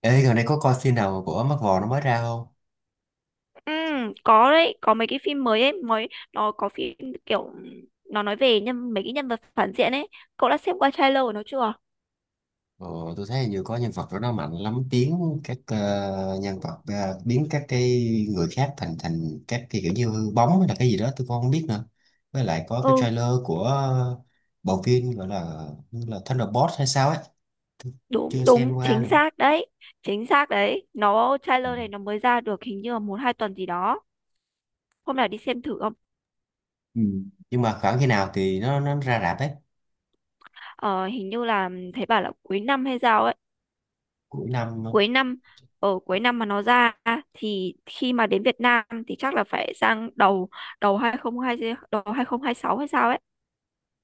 Ê, gần đây có coi phim nào của mắt Vò nó mới ra không? Ừ, có đấy, có mấy cái phim mới ấy, mới nó có phim kiểu nó nói về mấy cái nhân vật phản diện ấy. Cậu đã xem qua trailer của nó chưa? Ờ, tôi thấy như có nhân vật đó nó mạnh lắm biến các nhân vật biến các cái người khác thành thành các cái kiểu như hư bóng hay là cái gì đó tôi cũng không biết nữa. Với lại có cái Ừ, trailer của bộ phim gọi là như là Thunderbolt hay sao ấy, chưa đúng xem đúng, qua chính nữa. xác đấy. Chính xác đấy. Nó Ừ. trailer này nó mới ra được hình như là một hai tuần gì đó. Hôm nào đi xem thử không? Ừ. Nhưng mà khoảng khi nào thì nó ra rạp ấy, Ờ, hình như là thấy bảo là cuối năm hay sao ấy. cuối năm. Cuối năm Cuối năm mà nó ra thì khi mà đến Việt Nam thì chắc là phải sang đầu đầu hai không hai đầu 2026 hay sao ấy.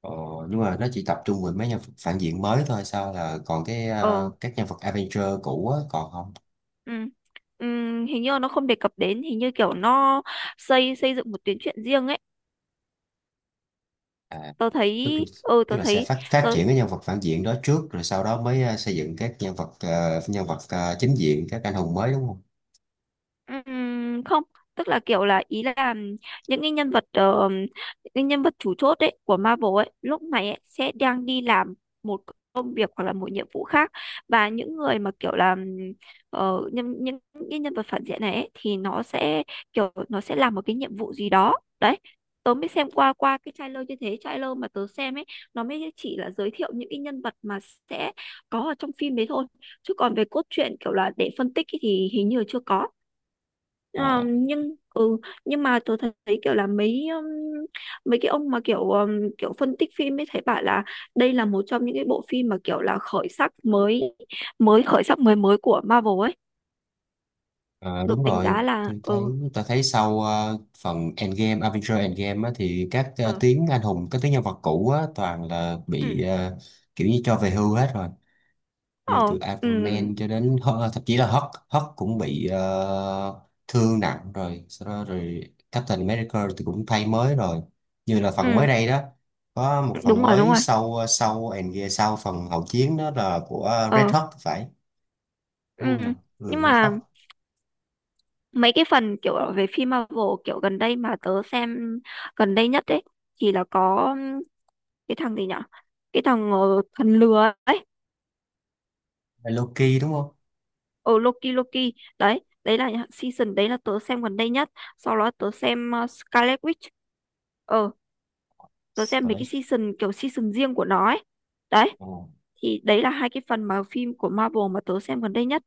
Ờ, nhưng mà nó chỉ tập trung về mấy nhân vật phản diện mới thôi sao là còn cái Ờ. Các nhân vật Avenger cũ á, còn không? Ừ. Ừ, hình như là nó không đề cập đến hình như kiểu nó xây xây dựng một tuyến truyện riêng ấy. À, tức là, tức Tớ là sẽ thấy. phát phát Tớ triển cái nhân vật phản diện đó trước rồi sau đó mới xây dựng các nhân vật nhân vật chính diện các anh hùng mới đúng không? Không tức là kiểu là ý là những cái nhân vật chủ chốt ấy của Marvel ấy lúc này ấy, sẽ đang đi làm một công việc hoặc là một nhiệm vụ khác, và những người mà kiểu là những cái nhân vật phản diện này ấy, thì nó sẽ kiểu nó sẽ làm một cái nhiệm vụ gì đó. Đấy, tớ mới xem qua qua cái trailer như thế. Trailer mà tớ xem ấy nó mới chỉ là giới thiệu những cái nhân vật mà sẽ có ở trong phim đấy thôi, chứ còn về cốt truyện kiểu là để phân tích ấy thì hình như là chưa có. Ờ, À, nhưng ừ nhưng mà tôi thấy kiểu là mấy mấy cái ông mà kiểu kiểu phân tích phim ấy thấy bảo là đây là một trong những cái bộ phim mà kiểu là khởi sắc mới mới của Marvel ấy, đúng được đánh rồi. giá là Tôi thấy ừ. tôi thấy sau phần Endgame Avengers Endgame á, thì các Ừ. tuyến anh hùng các tuyến nhân vật cũ á, toàn là Ừ. bị kiểu như cho về hưu hết rồi, như Ờ, từ ừ. Iron Man cho đến thậm chí là Hulk Hulk cũng bị thương nặng rồi sau đó rồi Captain America thì cũng thay mới rồi, như là phần mới Ừ, đây đó có một phần đúng rồi, đúng mới rồi. sau sau and yeah, sau phần hậu chiến đó là của Red Ờ. Hulk thì phải, đúng Ừ. không nhỉ? Nhưng Ừ, Red mà Hulk. mấy cái phần kiểu về phim Marvel kiểu gần đây mà tớ xem gần đây nhất ấy thì là có cái thằng gì nhở, cái thằng thần lừa ấy. Là Loki đúng không? Loki. Loki đấy, đấy là những season đấy là tớ xem gần đây nhất. Sau đó tớ xem Scarlet Witch. Ờ, tớ xem mấy cái Scarlet. season kiểu season riêng của nó ấy. Đấy Oh. thì đấy là hai cái phần mà phim của Marvel mà tớ xem gần đây nhất.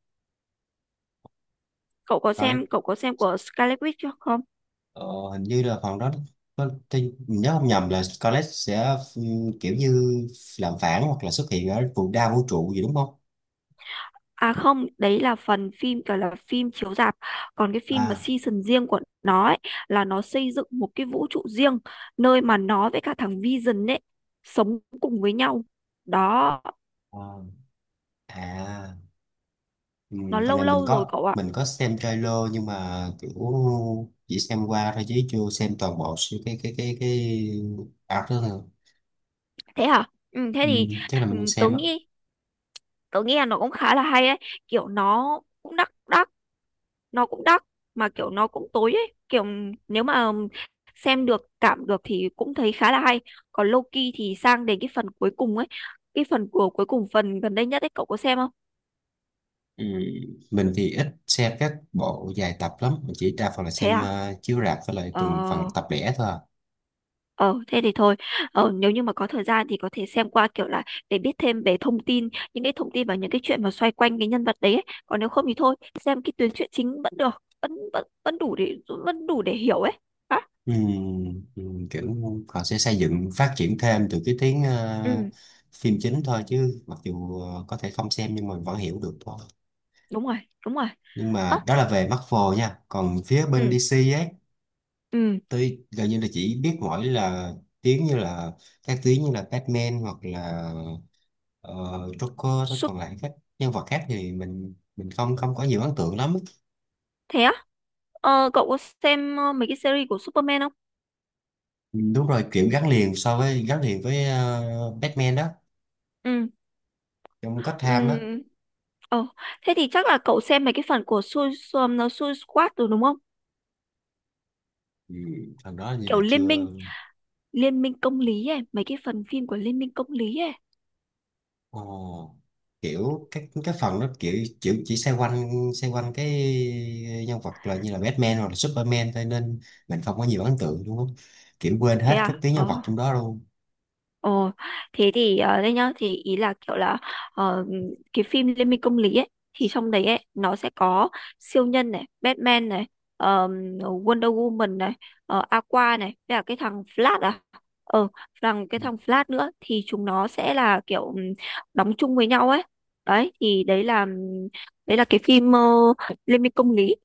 Scarlet, Cậu có xem của Scarlet Witch chưa không? ờ, hình như là phần đó tôi nhớ không nhầm là Scarlet sẽ kiểu như làm phản hoặc là xuất hiện ở đa vũ trụ gì đúng không. À không, đấy là phần phim gọi là phim chiếu rạp, còn cái phim mà À. season riêng của nó ấy, là nó xây dựng một cái vũ trụ riêng, nơi mà nó với cả thằng Vision ấy sống cùng với nhau. Đó. Ờ. À, ừ, Nó phần lâu này lâu rồi cậu ạ. mình có xem trailer nhưng mà kiểu chỉ xem qua thôi chứ chưa xem toàn bộ sự- cái art đó thôi. Thế hả? Ừ, thế ừ, thì chắc là mình ừ, không tớ xem á. nghĩ, tớ nghĩ là nó cũng khá là hay ấy, kiểu nó cũng đắt đắt, nó cũng đắt, mà kiểu nó cũng tối ấy, kiểu nếu mà xem được cảm được thì cũng thấy khá là hay. Còn Loki thì sang đến cái phần cuối cùng ấy, cái phần cuối cùng, phần gần đây nhất ấy cậu có xem không? ừ, mình thì ít xem các bộ dài tập lắm, mình chỉ đa phần là Thế xem à? Chiếu rạp với lại Ờ. từng phần tập lẻ thôi à. Ờ, thế thì thôi, ờ, nếu như mà có thời gian thì có thể xem qua kiểu là để biết thêm về thông tin, những cái thông tin và những cái chuyện mà xoay quanh cái nhân vật đấy ấy. Còn nếu không thì thôi, xem cái tuyến truyện chính vẫn được, vẫn vẫn vẫn đủ để hiểu ấy. Hả? ừ, ừ, kiểu họ sẽ xây dựng phát triển thêm từ cái tiếng Ừ. phim chính thôi chứ mặc dù có thể không xem nhưng mà vẫn hiểu được thôi. Đúng rồi, đúng rồi. Nhưng Ơ, mà đó là về Marvel nha, còn phía bên ừ, DC ấy, ừ, tôi gần như là chỉ biết mỗi là tiếng như là các tiếng như là Batman hoặc là ờ, Joker thôi, su còn lại các nhân vật khác thì mình không không có nhiều ấn tượng lắm. thế á? Ờ, cậu có xem mấy cái series của Superman không? Ừ, đúng rồi, kiểu gắn liền so với gắn liền với Batman đó, Ừ. trong Ừ, Gotham á. ờ, thế thì chắc là cậu xem mấy cái phần của Su Su, Su Squad rồi đúng không? ừ, thằng đó như là Kiểu liên minh chưa. Liên minh công lý ấy, mấy cái phần phim của Liên minh công lý ấy. Ồ, kiểu cái phần nó kiểu kiểu chỉ xoay quanh cái nhân vật là như là Batman hoặc là Superman thôi nên mình không có nhiều ấn tượng, đúng không, kiểu quên Thế hết các à? tuyến nhân vật Ờ. trong đó luôn. Ồ, thế thì ờ, đây nhá, thì ý là kiểu là ờ, cái phim Liên minh công lý ấy thì trong đấy ấy nó sẽ có siêu nhân này, Batman này, ờm, Wonder Woman này, ờ, Aqua này, với cả cái thằng Flash à. Ờ, cái thằng Flash nữa thì chúng nó sẽ là kiểu đóng chung với nhau ấy. Đấy thì đấy là cái phim Liên minh công lý.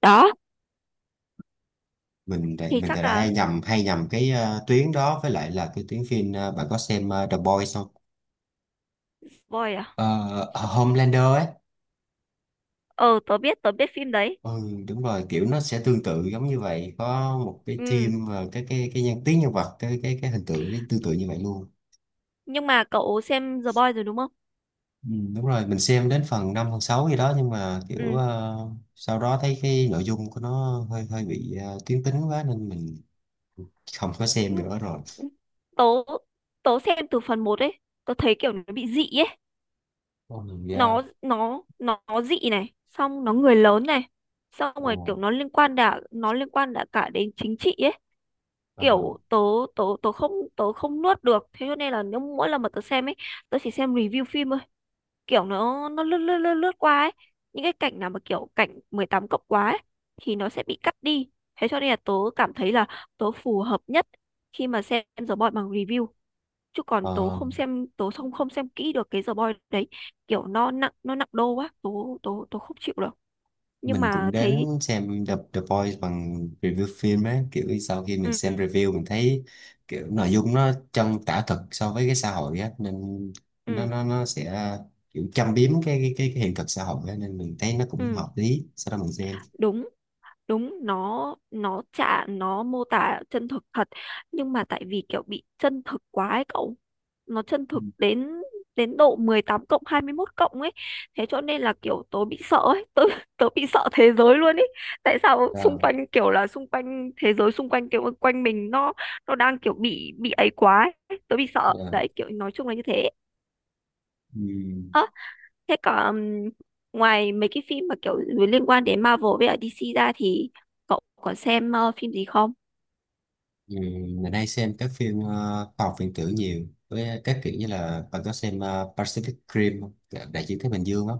Đó, thì Mình thì chắc lại hay là nhầm cái tuyến đó với lại là cái tuyến phim bạn có xem The Boys không? spoil à? Ờ, Homelander ấy. Ờ, tớ biết phim đấy. Ừ, đúng rồi, kiểu nó sẽ tương tự giống như vậy, có một cái Ừ, team và cái tuyến nhân vật cái hình tượng tương tự như vậy luôn. nhưng mà cậu xem The Boys rồi đúng không? Ừ, đúng rồi, mình xem đến phần 5 phần 6 gì đó nhưng mà kiểu Ừ. Sau đó thấy cái nội dung của nó hơi hơi bị tuyến tính quá nên mình không có xem Ừ, nữa rồi. Tớ tớ xem từ phần một ấy, tớ thấy kiểu nó bị dị ấy, Ồ, mình ra. nó nó dị này, xong nó người lớn này, xong Ồ, rồi kiểu nó liên quan đã cả đến chính trị ấy. ờ, Kiểu tớ, tớ không nuốt được, thế cho nên là nếu mỗi lần mà tớ xem ấy, tớ chỉ xem review phim, kiểu nó lướt lướt lướt lướt qua ấy, những cái cảnh nào mà kiểu cảnh 18+ quá ấy, thì nó sẽ bị cắt đi, thế cho nên là tớ cảm thấy là tớ phù hợp nhất khi mà xem The Boy bằng review, chứ còn tớ ờ, không xem, tớ không không xem kỹ được cái The Boy. Đấy, kiểu nó nặng đô quá, tớ, tớ không chịu được. Nhưng mình cũng mà đến thấy xem The Boys bằng review phim á, kiểu sau khi mình xem ừ. review mình thấy kiểu nội dung nó chân tả thực so với cái xã hội á nên nó Ừ. nó nó sẽ kiểu châm biếm cái hiện thực xã hội á nên mình thấy nó cũng Ừ. hợp lý sau đó mình xem. đúng Đúng, nó mô tả chân thực thật, nhưng mà tại vì kiểu bị chân thực quá ấy cậu, nó chân Ừ. thực đến đến độ 18+, 21+ cộng ấy, thế cho nên là kiểu tớ bị sợ ấy, tớ tớ bị sợ thế giới luôn ấy. Tại sao xung quanh kiểu là xung quanh thế giới xung quanh kiểu quanh mình nó đang kiểu bị ấy quá ấy. Tớ bị sợ Rồi. đấy, kiểu nói chung là như thế. Ừ. Thế có ngoài mấy cái phim mà kiểu liên quan đến Marvel với ở DC ra thì cậu có xem phim gì không? Ừ. Mình hay xem các phim khoa học viễn tưởng nhiều, với các kiểu như là bạn có xem Pacific Rim không? Đại dương Thái Bình Dương á,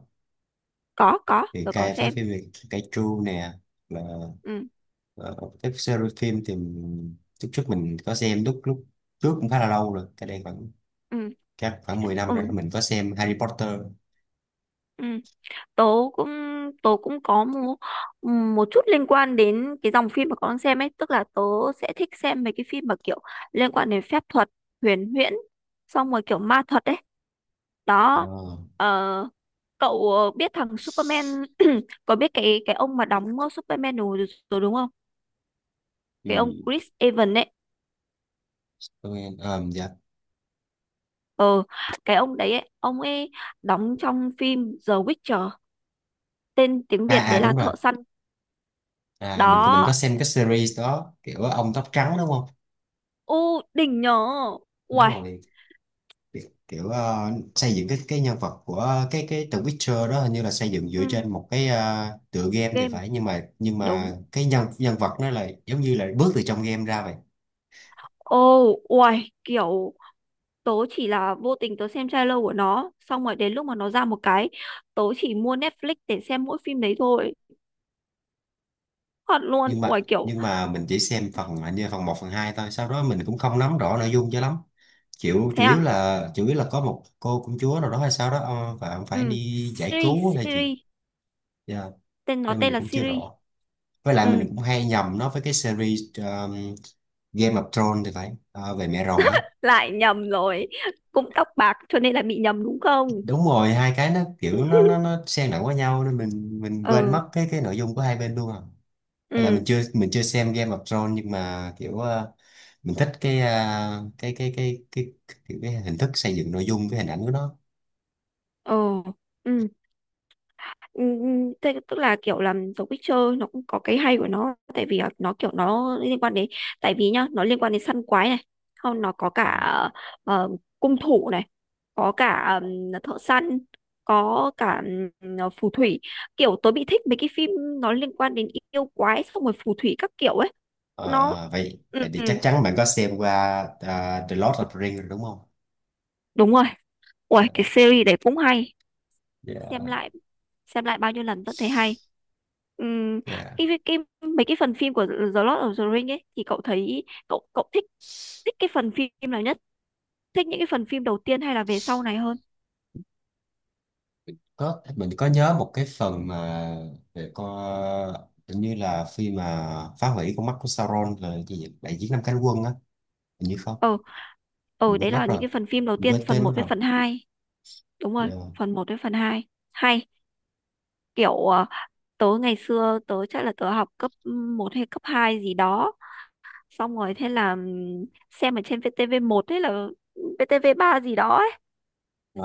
Có, thì tớ có cay với xem. phim về Kaiju nè, là Ừ, ờ, các series phim thì lúc trước mình có xem lúc lúc trước cũng khá là lâu rồi, cái đây khoảng ừ, khoảng 10 năm rồi ừ, mình có xem Harry Potter. ừ. Tớ cũng, tớ cũng có một, một chút liên quan đến cái dòng phim mà con đang xem ấy, tức là tớ sẽ thích xem mấy cái phim mà kiểu liên quan đến phép thuật, huyền huyễn, xong rồi kiểu ma thuật ấy. Ờ, Đó. Ờ, cậu biết thằng Superman có biết cái ông mà đóng Superman rồi, rồi đúng không? Cái ông thì Chris Evans ấy. tôi dạ. Ờ, cái ông đấy ấy, ông ấy đóng trong phim The Witcher, tên tiếng À Việt à đấy là đúng rồi, Thợ săn. à mình Đó, có xem cái series đó kiểu ông tóc trắng đúng không. u đỉnh nhờ. Đúng Uầy. rồi, kiểu xây dựng cái nhân vật của cái The Witcher đó, hình như là xây dựng Ừ, dựa trên một cái tựa game thì game. phải, nhưng Đúng. mà cái nhân nhân vật nó là giống như là bước từ trong game ra vậy. Ô, uầy, kiểu tớ chỉ là vô tình tớ xem trailer của nó xong rồi đến lúc mà nó ra một cái, tớ chỉ mua Netflix để xem mỗi phim đấy thôi, thật luôn. Uầy kiểu. Nhưng mà mình chỉ xem phần hình như phần một phần 2 thôi, sau đó mình cũng không nắm rõ nội dung cho lắm, chịu, Thế à? Chủ yếu là có một cô công chúa nào đó hay sao đó và ông Ừ, phải đi giải cứu series hay là gì. series, Dạ, tên nó nên tên mình là cũng chưa series. rõ, với lại Ừ, mình cũng hay nhầm nó với cái series Game of Thrones thì phải. Ờ, về mẹ rồng ấy, lại nhầm rồi, cũng tóc bạc cho nên là bị nhầm đúng không? đúng rồi, hai cái nó kiểu nó xen lẫn với nhau nên mình quên Ờ. mất cái nội dung của hai bên luôn à. Hay là Ừ. Mình chưa xem Game of Thrones nhưng mà kiểu mình thích cái, ờ, cái hình thức xây dựng nội dung, cái hình ảnh của nó. Ờ. Ừ. Ừ, ừ, thế tức là kiểu là The Witcher nó cũng có cái hay của nó, tại vì là nó kiểu nó liên quan đến, tại vì nhá nó liên quan đến săn quái này, không nó có cả Ừ. ờ, cung thủ này, có cả thợ săn, có cả phù thủy. Kiểu tớ bị thích mấy cái phim nó liên quan đến yêu quái xong rồi phù thủy các kiểu ấy. Nó Ờ, vậy ừ, vậy thì ừ, chắc chắn bạn có xem qua The Lord of the Rings rồi đúng không? đúng rồi. Ủa, cái series đấy cũng hay, xem Yeah, lại, xem lại bao nhiêu lần vẫn thấy hay. Ừm, yeah. cái, cái mấy cái phần phim của The Lord of the Ring ấy thì cậu thấy cậu cậu thích, thích cái phần phim nào nhất, thích những cái phần phim đầu tiên hay là về sau này hơn? Có, mình có nhớ một cái phần mà về con, hình như là khi mà phá hủy con mắt của Sauron, là cái gì vậy? Đại chiến năm cánh quân á, hình như không? Ờ. Ờ, Mình quên đấy mất là rồi, những cái phần phim đầu mình quên tiên, phần tên mất một với rồi. phần 2. Đúng rồi, Dạ. phần 1 với phần 2 hay, kiểu ờ, tớ ngày xưa tớ chắc là tớ học cấp 1 hay cấp 2 gì đó, xong rồi thế là xem ở trên VTV1 hay là VTV3 gì đó,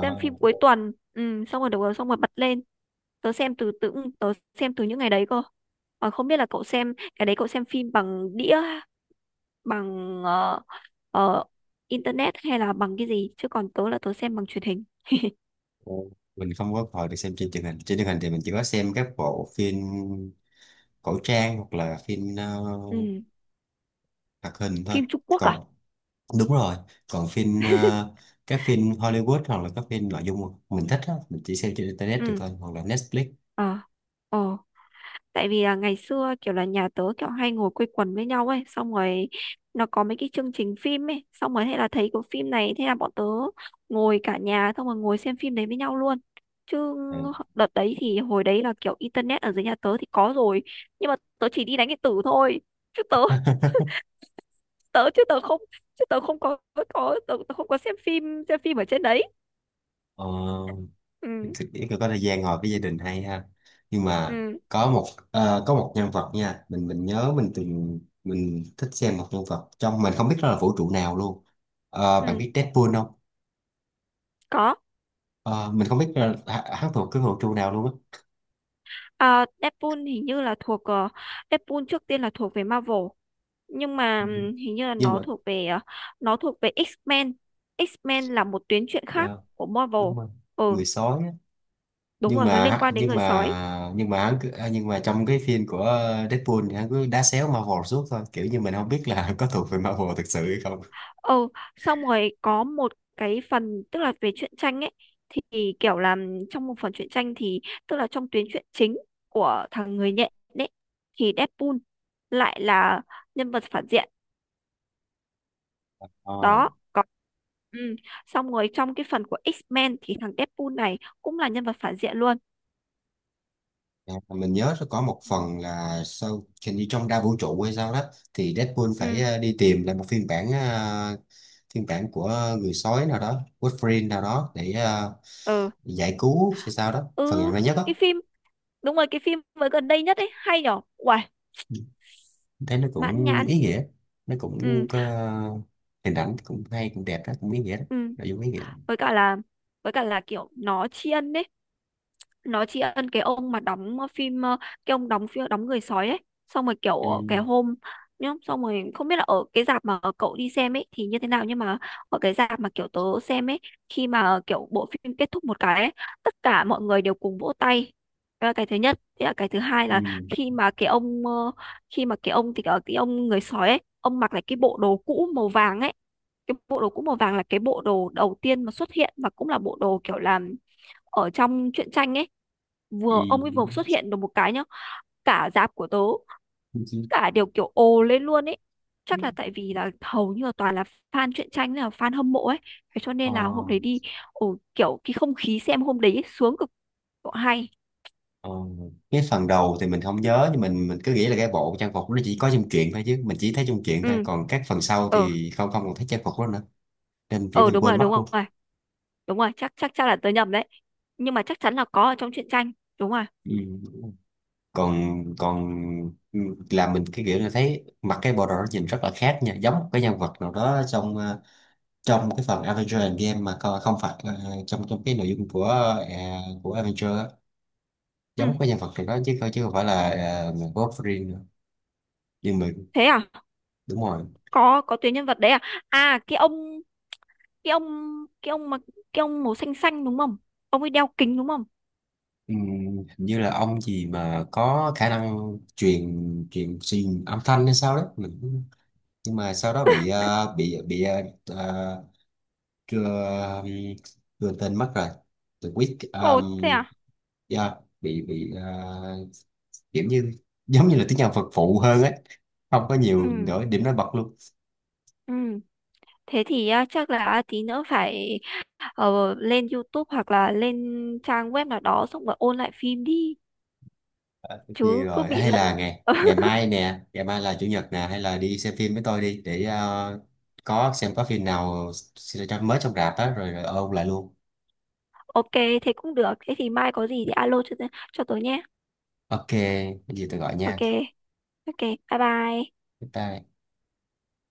xem phim cuối tuần, ừ, xong rồi được rồi xong rồi bật lên, tớ xem từ từ, tớ xem từ những ngày đấy cơ. Còn không biết là cậu xem cái đấy, cậu xem phim bằng đĩa, bằng ờ, ờ, internet hay là bằng cái gì chứ còn tớ là tớ xem bằng truyền hình. ờ, mình không có hồi được xem trên truyền hình, trên truyền hình thì mình chỉ có xem các bộ phim cổ trang hoặc là phim Ừ. hoạt hình thôi. Phim Trung Quốc à? Còn đúng rồi, còn phim các phim Hollywood hoặc là các phim nội dung mình thích á, mình chỉ xem trên internet được Ừ. thôi hoặc là Netflix. Ờ. Ờ, tại vì là ngày xưa kiểu là nhà tớ kiểu hay ngồi quây quần với nhau ấy, xong rồi nó có mấy cái chương trình phim ấy, xong rồi hay là thấy có phim này, thế là bọn tớ ngồi cả nhà xong rồi ngồi xem phim đấy với nhau luôn. Chứ Ờ, đợt đấy thì hồi đấy là kiểu internet ở dưới nhà tớ thì có rồi, nhưng mà tớ chỉ đi đánh điện tử thôi, chứ tớ, tớ chứ tớ không có, tớ không có xem phim, xem phim ở trên đấy. ờ, Ừ. thực ý là có thời gian ngồi với gia đình hay ha, nhưng mà Ừ. có một có một nhân vật nha, mình nhớ mình thích xem một nhân vật trong, mình không biết đó là vũ trụ nào luôn. Ờ, bạn Ừ. biết Deadpool không? Có. Ờ, mình không biết là hắn thuộc cái vũ trụ nào luôn á. À, Deadpool hình như là thuộc Deadpool trước tiên là thuộc về Marvel, nhưng mà Ừ. Hình như là Nhưng nó mà thuộc về nó thuộc về X-Men. X-Men là một tuyến truyện khác dạ, của Marvel. đúng rồi. Ừ, Người sói á. đúng rồi, nó liên quan đến người sói. Nhưng mà hắn cứ, à, nhưng mà trong cái phim của Deadpool thì hắn cứ đá xéo Marvel suốt thôi, kiểu như mình không biết là có thuộc về Marvel thực sự hay không. Ừ, xong rồi có một cái phần tức là về truyện tranh ấy, thì kiểu là trong một phần truyện tranh thì tức là trong tuyến truyện chính của thằng người nhện đấy thì Deadpool lại là nhân vật phản diện. Ờ. Đó có. Ừ. Xong rồi trong cái phần của X-Men thì thằng Deadpool này cũng là nhân vật phản diện luôn. À, mình nhớ có một Ừ. phần là sau, hình như trong đa vũ trụ hay sao đó, thì Deadpool phải Ừ. Đi tìm lại một phiên bản phiên bản của người sói nào đó, Wolverine nào đó để Ừ. giải cứu hay sao đó, phần Ừ. gần đây nhất Cái đó, phim, đúng rồi, cái phim mới gần đây nhất ấy hay nhở. Uầy, thấy nó mãn cũng nhãn. ý nghĩa, nó cũng Ừ. có hình ảnh cũng hay cũng đẹp đó, cũng ý nghĩa đó, Ừ. nội dung ý nghĩa đó. Với cả là, với cả là kiểu nó tri ân đấy, nó tri ân cái ông mà đóng phim cái ông đóng phim đóng người sói ấy, xong rồi kiểu cái Ừ, hôm, nhá, xong rồi không biết là ở cái rạp mà cậu đi xem ấy thì như thế nào, nhưng mà ở cái rạp mà kiểu tớ xem ấy, khi mà kiểu bộ phim kết thúc một cái ấy, tất cả mọi người đều cùng vỗ tay. Đấy là cái thứ nhất, thế là cái thứ hai ừ, là khi mà cái ông ờ, khi mà cái ông thì cái ông người sói ấy, ông mặc lại cái bộ đồ cũ màu vàng ấy. Cái bộ đồ cũ màu vàng là cái bộ đồ đầu tiên mà xuất hiện và cũng là bộ đồ kiểu là ở trong truyện tranh ấy, ừ. vừa ông ấy vừa xuất hiện được một cái nhá, cả dạp của tớ cả đều kiểu ồ lên luôn ấy. Chắc là tại vì là hầu như là toàn là fan truyện tranh, là fan hâm mộ ấy, thế cho Ờ. nên là hôm đấy đi, ồ kiểu cái không khí xem hôm đấy ấy, sướng cực độ, hay. Ờ, cái phần đầu thì mình không nhớ, nhưng mình cứ nghĩ là cái bộ trang phục nó chỉ có trong truyện thôi, chứ mình chỉ thấy trong truyện thôi, Ừ. còn các phần sau Ờ. thì không không còn thấy trang phục đó nữa nên kiểu Ờ, mình đúng quên rồi, mất đúng luôn. rồi, đúng rồi, chắc chắc chắc là tớ nhầm đấy, nhưng mà chắc chắn là có ở trong truyện tranh. Đúng rồi. Ừ. còn còn ừ, làm mình cái kiểu là thấy mặc cái bộ đồ đó nhìn rất là khác nha, giống một cái nhân vật nào đó trong trong cái phần Avenger Endgame mà không phải trong trong cái nội dung của ờ, của Avenger á, Ừ. giống cái nhân vật nào đó chứ chứ không phải là Wolverine nữa. Nhưng mà Thế à? đúng rồi. Có tuyến nhân vật đấy à? À cái ông, cái ông, cái ông mà, cái ông màu xanh xanh đúng không? Ông ấy đeo kính đúng không? Ừ, hình như là ông gì mà có khả năng truyền truyền truyền âm thanh hay sao đấy, mình cũng- nhưng mà sau đó bị uh, chưa, đưa tên mất rồi, từ Week Ồ thế à? yeah, bị kiểu như giống như là tiếng nhạc phật phụ hơn ấy, không có nhiều Ừ, nổi nổi bật luôn. ừ. Thế thì à, chắc là tí nữa phải ờ, lên YouTube hoặc là lên trang web nào đó xong rồi ôn lại phim đi, Ờ, tất nhiên chứ cứ rồi, bị hay lẫn. là ngày ngày mai nè, ngày mai là chủ nhật nè, hay là đi xem phim với tôi đi để có xem có phim nào mới trong rạp á rồi, rồi ôn lại luôn. Ok, thế cũng được. Thế thì mai có gì thì alo cho tôi nhé. Ok, cái gì tôi gọi nha. Ok, ok, bye bye. Bye bye.